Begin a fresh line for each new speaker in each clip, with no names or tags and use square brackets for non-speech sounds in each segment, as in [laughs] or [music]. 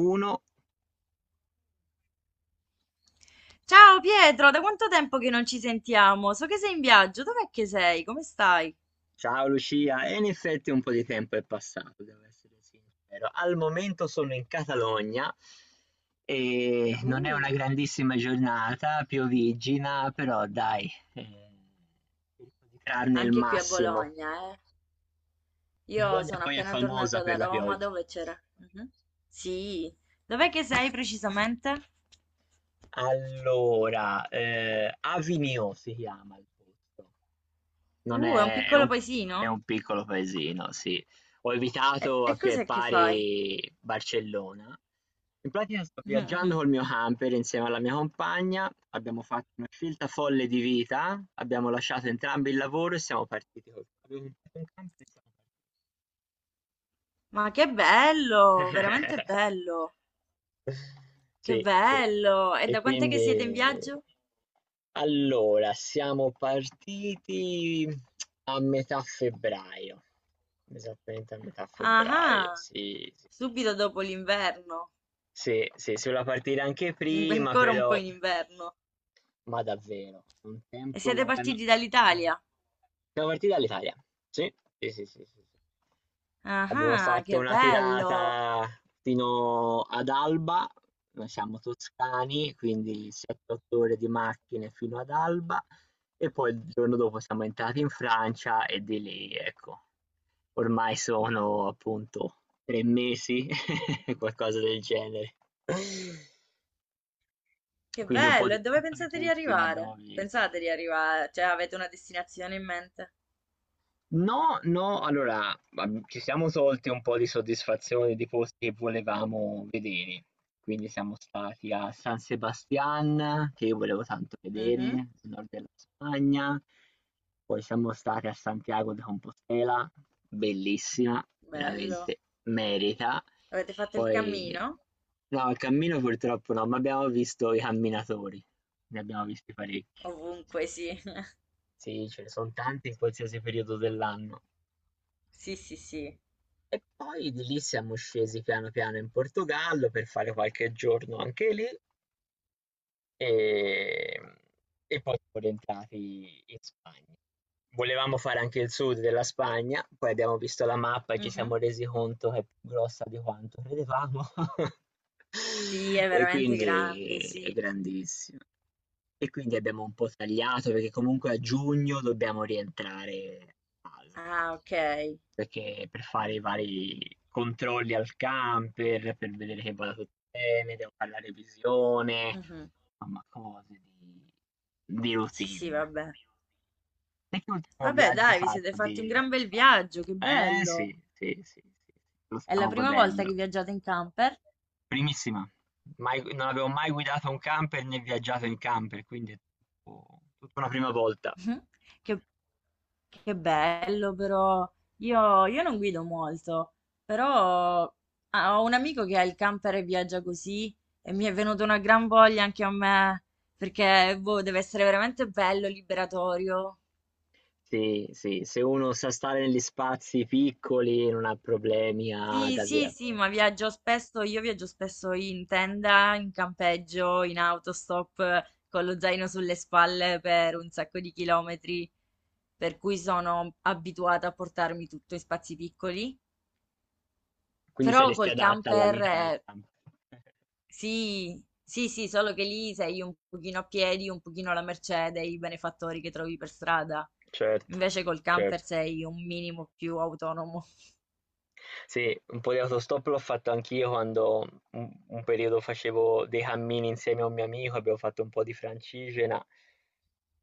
Uno,
Ciao Pietro, da quanto tempo che non ci sentiamo? So che sei in viaggio, dov'è che sei? Come stai?
ciao Lucia, e in effetti un po' di tempo è passato, devo essere sincero. Al momento sono in Catalogna e non è una
Uh,
grandissima giornata, pioviggina, però dai, cerco di trarne il
anche qui a
massimo.
Bologna, eh. Io
Bologna
sono
poi è
appena
famosa
tornata
per
da
la
Roma,
pioggia.
dove c'era? Mhm. Sì, dov'è che sei precisamente?
Allora, Avinio si chiama il posto. Non
È un
è
piccolo
è
paesino?
un piccolo paesino, sì. Ho
E,
evitato a
e
piè
cos'è che fai?
pari Barcellona. In pratica sto viaggiando col
[laughs]
mio camper insieme alla mia compagna, abbiamo fatto una scelta folle di vita, abbiamo lasciato entrambi il lavoro e siamo partiti col abbiamo comprato un camper e siamo
Ma che bello, veramente
partiti. [laughs]
bello, che
Sì, sì.
bello. E
E
da quant'è che siete in
quindi
viaggio?
Allora, siamo partiti a metà febbraio, esattamente a metà
Ah,
febbraio,
ah,
sì, sì, sì,
subito dopo l'inverno,
sì, sì, sì, si voleva partire anche prima,
ancora un po'
però,
in inverno.
ma davvero, è un
E siete
tempo... no,
partiti
mm.
dall'Italia?
Siamo partiti dall'Italia, sì, sì, sì, sì, sì, sì.
Ah,
Abbiamo
ah,
fatto
che
una
bello!
tirata fino ad Alba, noi siamo toscani, quindi 7-8 ore di macchine fino ad Alba e poi il giorno dopo siamo entrati in Francia e di lì, ecco, ormai sono appunto 3 mesi, [laughs] qualcosa del genere.
Che
Quindi un po'
bello! E
di un
dove
po' di
pensate di
posti ne abbiamo
arrivare? Pensate
visti.
di arrivare? Cioè, avete una destinazione in mente?
No, no, allora, ab ci siamo tolti un po' di soddisfazione di posti che volevamo vedere. Quindi siamo stati a San Sebastian, che io volevo tanto vedere,
Mhm.
nel nord della Spagna, poi siamo stati a Santiago de Compostela, bellissima,
Bello.
veramente merita.
Avete fatto il
Poi
cammino?
no, il cammino purtroppo no, ma abbiamo visto i camminatori, ne abbiamo visti parecchi.
Ovunque, sì. [laughs]
Sì, ce ne son tanti in qualsiasi periodo dell'anno.
Sì, sì, sì.
E poi di lì siamo scesi piano piano in Portogallo per fare qualche giorno anche lì e, e poi siamo rientrati in Spagna. Volevamo fare anche il sud della Spagna, poi abbiamo visto la mappa e ci
Mhm.
siamo resi conto che è più grossa di quanto credevamo [laughs]
Sì, è
e
veramente grande,
quindi è
sì.
grandissima. E quindi abbiamo un po' tagliato perché comunque a giugno dobbiamo rientrare a casa.
Ah, ok.
Perché per fare i vari controlli al camper, per vedere che vada tutto bene, devo fare la revisione,
Mhm.
insomma cose di
Sì, sì,
routine.
vabbè.
Te che ultimo
Vabbè,
viaggio hai
dai, vi siete
fatto
fatti un
di?
gran bel viaggio, che
Eh
bello.
sì, sì, sì, sì, lo
È la
stiamo
prima volta che
godendo.
viaggiate in camper?
Primissima, mai non avevo mai guidato un camper né viaggiato in camper, quindi è tutto tutta una prima
[laughs]
volta.
Mhm. Che Che bello però, io non guido molto, però ah, ho un amico che ha il camper e viaggia così e mi è venuta una gran voglia anche a me, perché boh, deve essere veramente bello, liberatorio.
Sì, sì, se uno sa stare negli spazi piccoli e non ha problemi. Ad
Sì, sì,
ave
sì, ma viaggio spesso, io viaggio spesso in tenda, in campeggio, in autostop, con lo zaino sulle spalle per un sacco di chilometri, per cui sono abituata a portarmi tutto in spazi piccoli.
Quindi
Però
saresti
col
adatta alla
camper.
vita da camper. [laughs]
Sì, sì, sì, solo che lì sei un pochino a piedi, un pochino alla mercé dei benefattori che trovi per strada.
Certo,
Invece col camper
certo.
sei un minimo più autonomo.
Sì, un po' di autostop l'ho fatto anch'io quando un periodo facevo dei cammini insieme a un mio amico, abbiamo fatto un po' di Francigena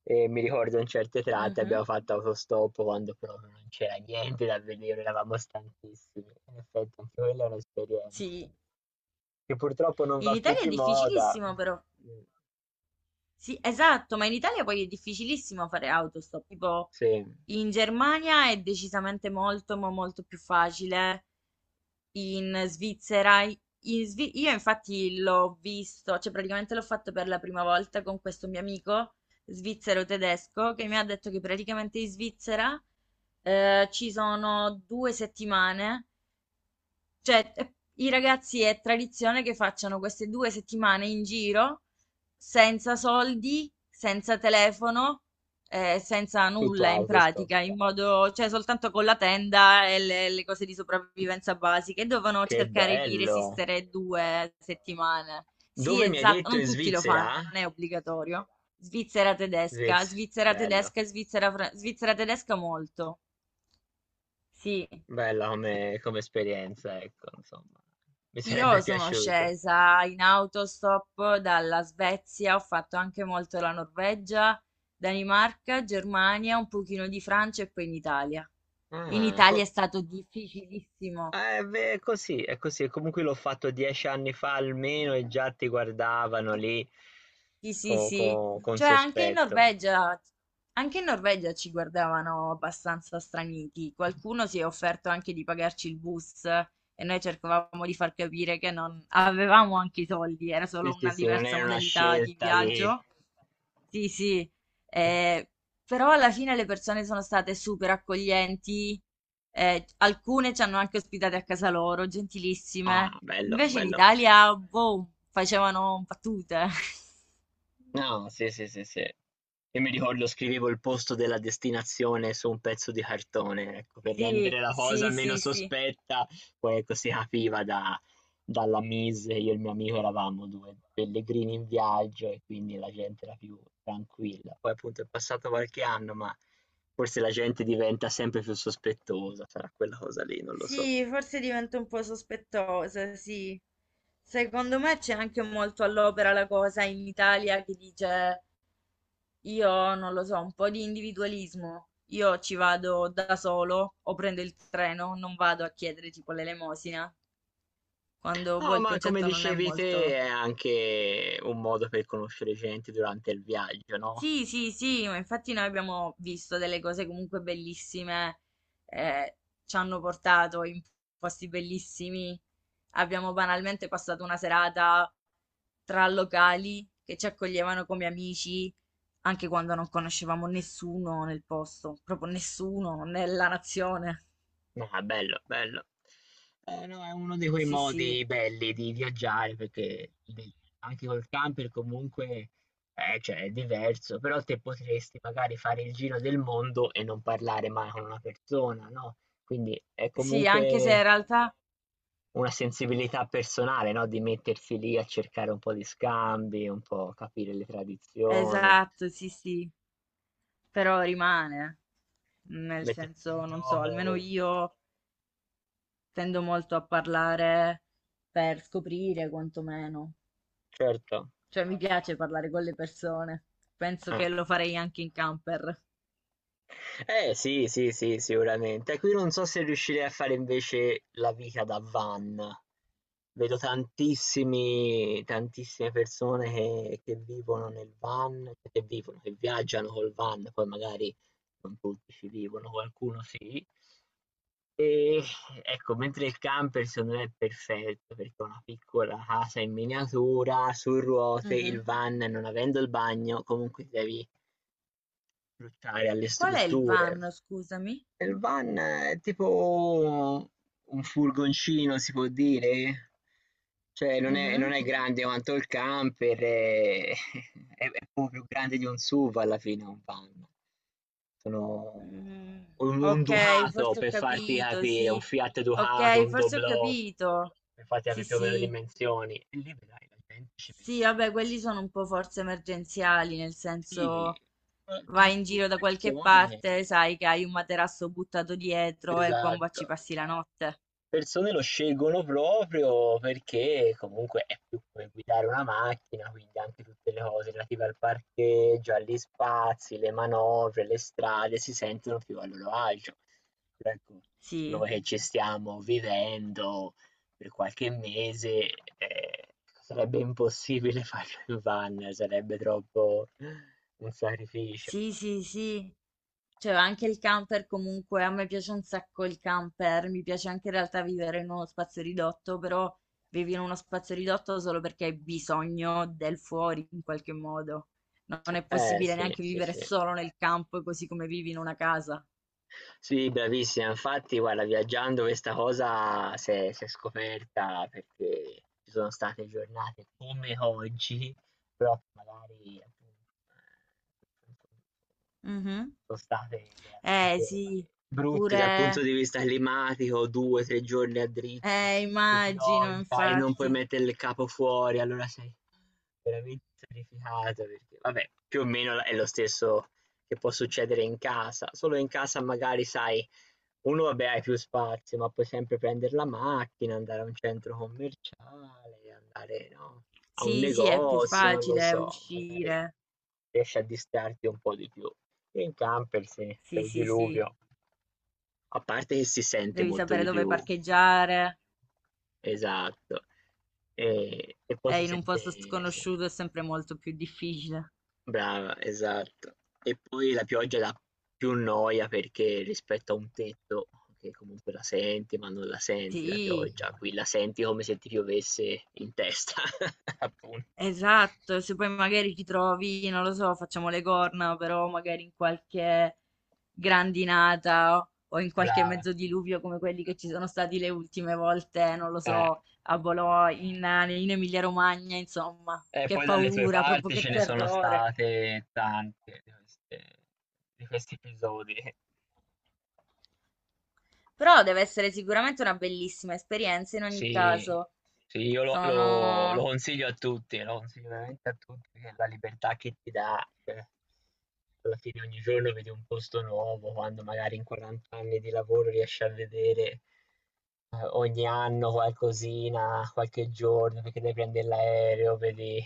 e mi ricordo in certe tratte abbiamo
Mhm.
fatto autostop quando proprio non c'era niente da vedere, eravamo stanchissimi. In effetti anche quella è un'esperienza
Sì,
che purtroppo non
in
va più
Italia è
di moda.
difficilissimo però. Sì, esatto, ma in Italia poi è difficilissimo fare autostop. Tipo,
Sì,
in Germania è decisamente molto, ma molto più facile. In Svizzera, io infatti l'ho visto, cioè praticamente l'ho fatto per la prima volta con questo mio amico svizzero tedesco che mi ha detto che praticamente in Svizzera ci sono due settimane, cioè, i ragazzi è tradizione che facciano queste due settimane in giro senza soldi, senza telefono, senza
tutto
nulla in
autostop.
pratica, in modo, cioè soltanto con la tenda e le cose di sopravvivenza basiche. Dovevano
Che
cercare di
bello!
resistere due settimane. Sì,
Dove mi hai
esatto,
detto?
non
In
tutti lo fanno,
Svizzera?
non è obbligatorio. Svizzera tedesca,
Svizzera,
Svizzera
bello,
tedesca, Svizzera, Svizzera tedesca molto. Sì.
bella come esperienza, ecco, insomma, mi sarebbe [laughs]
Io sono
piaciuto.
scesa in autostop dalla Svezia, ho fatto anche molto la Norvegia, Danimarca, Germania, un pochino di Francia e poi in Italia. In
Ah,
Italia è stato difficilissimo.
beh, è così, comunque l'ho fatto 10 anni fa almeno e già ti guardavano lì
Sì, sì, sì.
con
Cioè anche in
sospetto.
Norvegia, anche in Norvegia ci guardavano abbastanza straniti. Qualcuno si è offerto anche di pagarci il bus e noi cercavamo di far capire che non avevamo anche i soldi, era
Sì,
solo
sì,
una
sì, non
diversa
era una
modalità di
scelta di...
viaggio. Sì, sì, eh, però alla fine le persone sono state super accoglienti, alcune ci hanno anche ospitate a casa loro, gentilissime.
Ah, bello,
Invece in
bello.
Italia, boh, facevano battute. [laughs]
Ah, sì, sì, sì, sì. Io mi ricordo scrivevo il posto della destinazione su un pezzo di cartone, ecco, per
Sì,
rendere la cosa
sì,
meno
sì, sì.
sospetta, poi ecco si capiva dalla mise, io e il mio amico eravamo due pellegrini in viaggio e quindi la gente era più tranquilla. Poi appunto è passato qualche anno, ma forse la gente diventa sempre più sospettosa, sarà quella cosa lì, non lo so.
Sì, forse divento un po' sospettosa, sì. Secondo me c'è anche molto all'opera la cosa in Italia che dice. Io non lo so, un po' di individualismo. Io ci vado da solo o prendo il treno, non vado a chiedere tipo l'elemosina, quando boh,
No,
il
ma come
concetto non è
dicevi te,
molto.
è anche un modo per conoscere gente durante il viaggio, no?
Sì, sì, sì, ma infatti noi abbiamo visto delle cose comunque bellissime, eh, ci hanno portato in posti bellissimi, abbiamo banalmente passato una serata tra locali che ci accoglievano come amici, anche quando non conoscevamo nessuno nel posto, proprio nessuno nella nazione.
Ah, bello, bello. No, è uno di quei
Sì, sì,
modi belli di viaggiare perché beh, anche col camper comunque cioè, è diverso, però te potresti magari fare il giro del mondo e non parlare mai con una persona, no? Quindi è
sì, anche se in
comunque
realtà,
una sensibilità personale, no? Di mettersi lì a cercare un po' di scambi, un po' capire le tradizioni,
esatto, sì, sì, però rimane, nel
mettersi in
senso, non so, almeno
gioco,
io tendo molto a parlare per scoprire quantomeno,
certo.
cioè mi piace parlare con le persone. Penso
Eh.
che lo farei anche in camper.
Eh sì, sì, sì, sicuramente. Qui non so se riuscirei a fare invece la vita da van. Vedo tantissime persone che vivono nel van, che vivono, che viaggiano col van, poi magari non tutti ci vivono, qualcuno sì. E ecco, mentre il camper secondo me è perfetto perché è una piccola casa in miniatura, su ruote, il
Mhm.
van non avendo il bagno, comunque ti devi approcciare alle
Qual è il
strutture.
van, scusami?
Il van è tipo un furgoncino, si può dire? Cioè non è non
Mhm.
è grande quanto il camper, è [laughs] è poco più grande di un SUV alla fine un van. Sono
Mm,
un
ok,
Ducato
forse ho
per farti
capito,
capire, un
sì.
Fiat Ducato,
Ok,
un
forse ho
Doblò,
capito.
per farti
Sì,
capì più o meno le
sì.
dimensioni. E lì vedrai la gente ci
Sì,
mette
vabbè, quelli sono un po' forse emergenziali, nel senso
sì, ma ci so'
vai in
più
giro da qualche
persone
parte, sai che hai un materasso buttato dietro e bomba ci
esatto.
passi la notte.
Persone lo scelgono proprio perché comunque è più come guidare una macchina, quindi anche tutte le cose relative al parcheggio, agli spazi, le manovre, le strade si sentono più a loro agio. Però ecco,
Sì,
noi che ci stiamo vivendo per qualche mese, ehm, sarebbe impossibile [laughs] farlo in van, sarebbe troppo un sacrificio.
sì, sì, sì. Cioè, anche il camper comunque, a me piace un sacco il camper, mi piace anche in realtà vivere in uno spazio ridotto, però vivi in uno spazio ridotto solo perché hai bisogno del fuori in qualche modo. Non è
Eh
possibile
sì,
neanche
sì,
vivere
sì.
solo nel campo così come vivi in una casa.
Sì, bravissima. Infatti, guarda, viaggiando questa cosa s'è scoperta perché ci sono state giornate come oggi, però che magari appunto eh,
Mhm.
sono state
Eh
veramente
sì,
brutte dal punto
pure,
di vista climatico, 2, 3 giorni a dritto di
immagino,
pioggia e non puoi
infatti.
mettere il capo fuori, allora sei veramente sacrificato perché vabbè, più o meno è lo stesso che può succedere in casa, solo in casa magari sai, uno vabbè hai più spazio, ma puoi sempre prendere la macchina, andare a un centro commerciale, andare, no, a un
Sì, sì, è più
negozio, non lo
facile
so, magari
uscire.
riesci a distrarti un po' di più. Sì, in camper, sì, c'è
Sì,
il
sì, sì.
diluvio. A parte che si sente
Devi
molto
sapere
di
dove
più,
parcheggiare.
esatto. E poi si
In un posto
sente, sì.
sconosciuto è sempre molto più difficile.
Brava, esatto. E poi la pioggia dà più noia perché rispetto a un tetto, che comunque la senti, ma non la senti la
Sì,
pioggia, qui la senti come se ti piovesse in testa, [laughs] appunto.
esatto. Se poi magari ti trovi, non lo so, facciamo le corna, però magari in qualche grandinata o in qualche
Brava.
mezzo diluvio come quelli che ci sono stati le ultime volte, non lo
Eh.
so, a Bologna, in Emilia-Romagna, insomma. Che
Poi dalle tue
paura, proprio
parti
che
ce ne sono
terrore.
state tante di di questi episodi.
Però deve essere sicuramente una bellissima esperienza in ogni
Sì,
caso.
sì, io lo
Sono
consiglio a tutti, lo consiglio veramente a tutti, che la libertà che ti dà, alla fine ogni giorno vedi un posto nuovo, quando magari in 40 anni di lavoro riesci a vedere ogni anno qualcosina, qualche giorno, perché devi prendere l'aereo, vedi...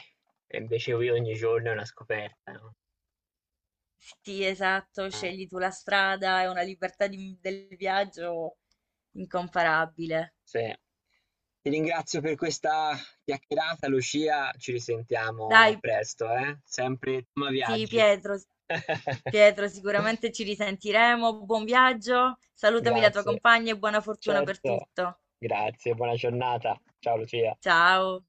E invece qui ogni giorno è una scoperta, no?
Sì, esatto,
Eh.
scegli tu la strada, è una libertà del viaggio incomparabile.
Sì. Ti ringrazio per questa chiacchierata Lucia, ci risentiamo
Dai,
presto, eh. Sempre tema
sì,
viaggi.
Pietro, Pietro,
[laughs]
sicuramente ci risentiremo. Buon viaggio, salutami la tua
Grazie.
compagna e buona fortuna per
Certo.
tutto.
Grazie, buona giornata. Ciao Lucia.
Ciao.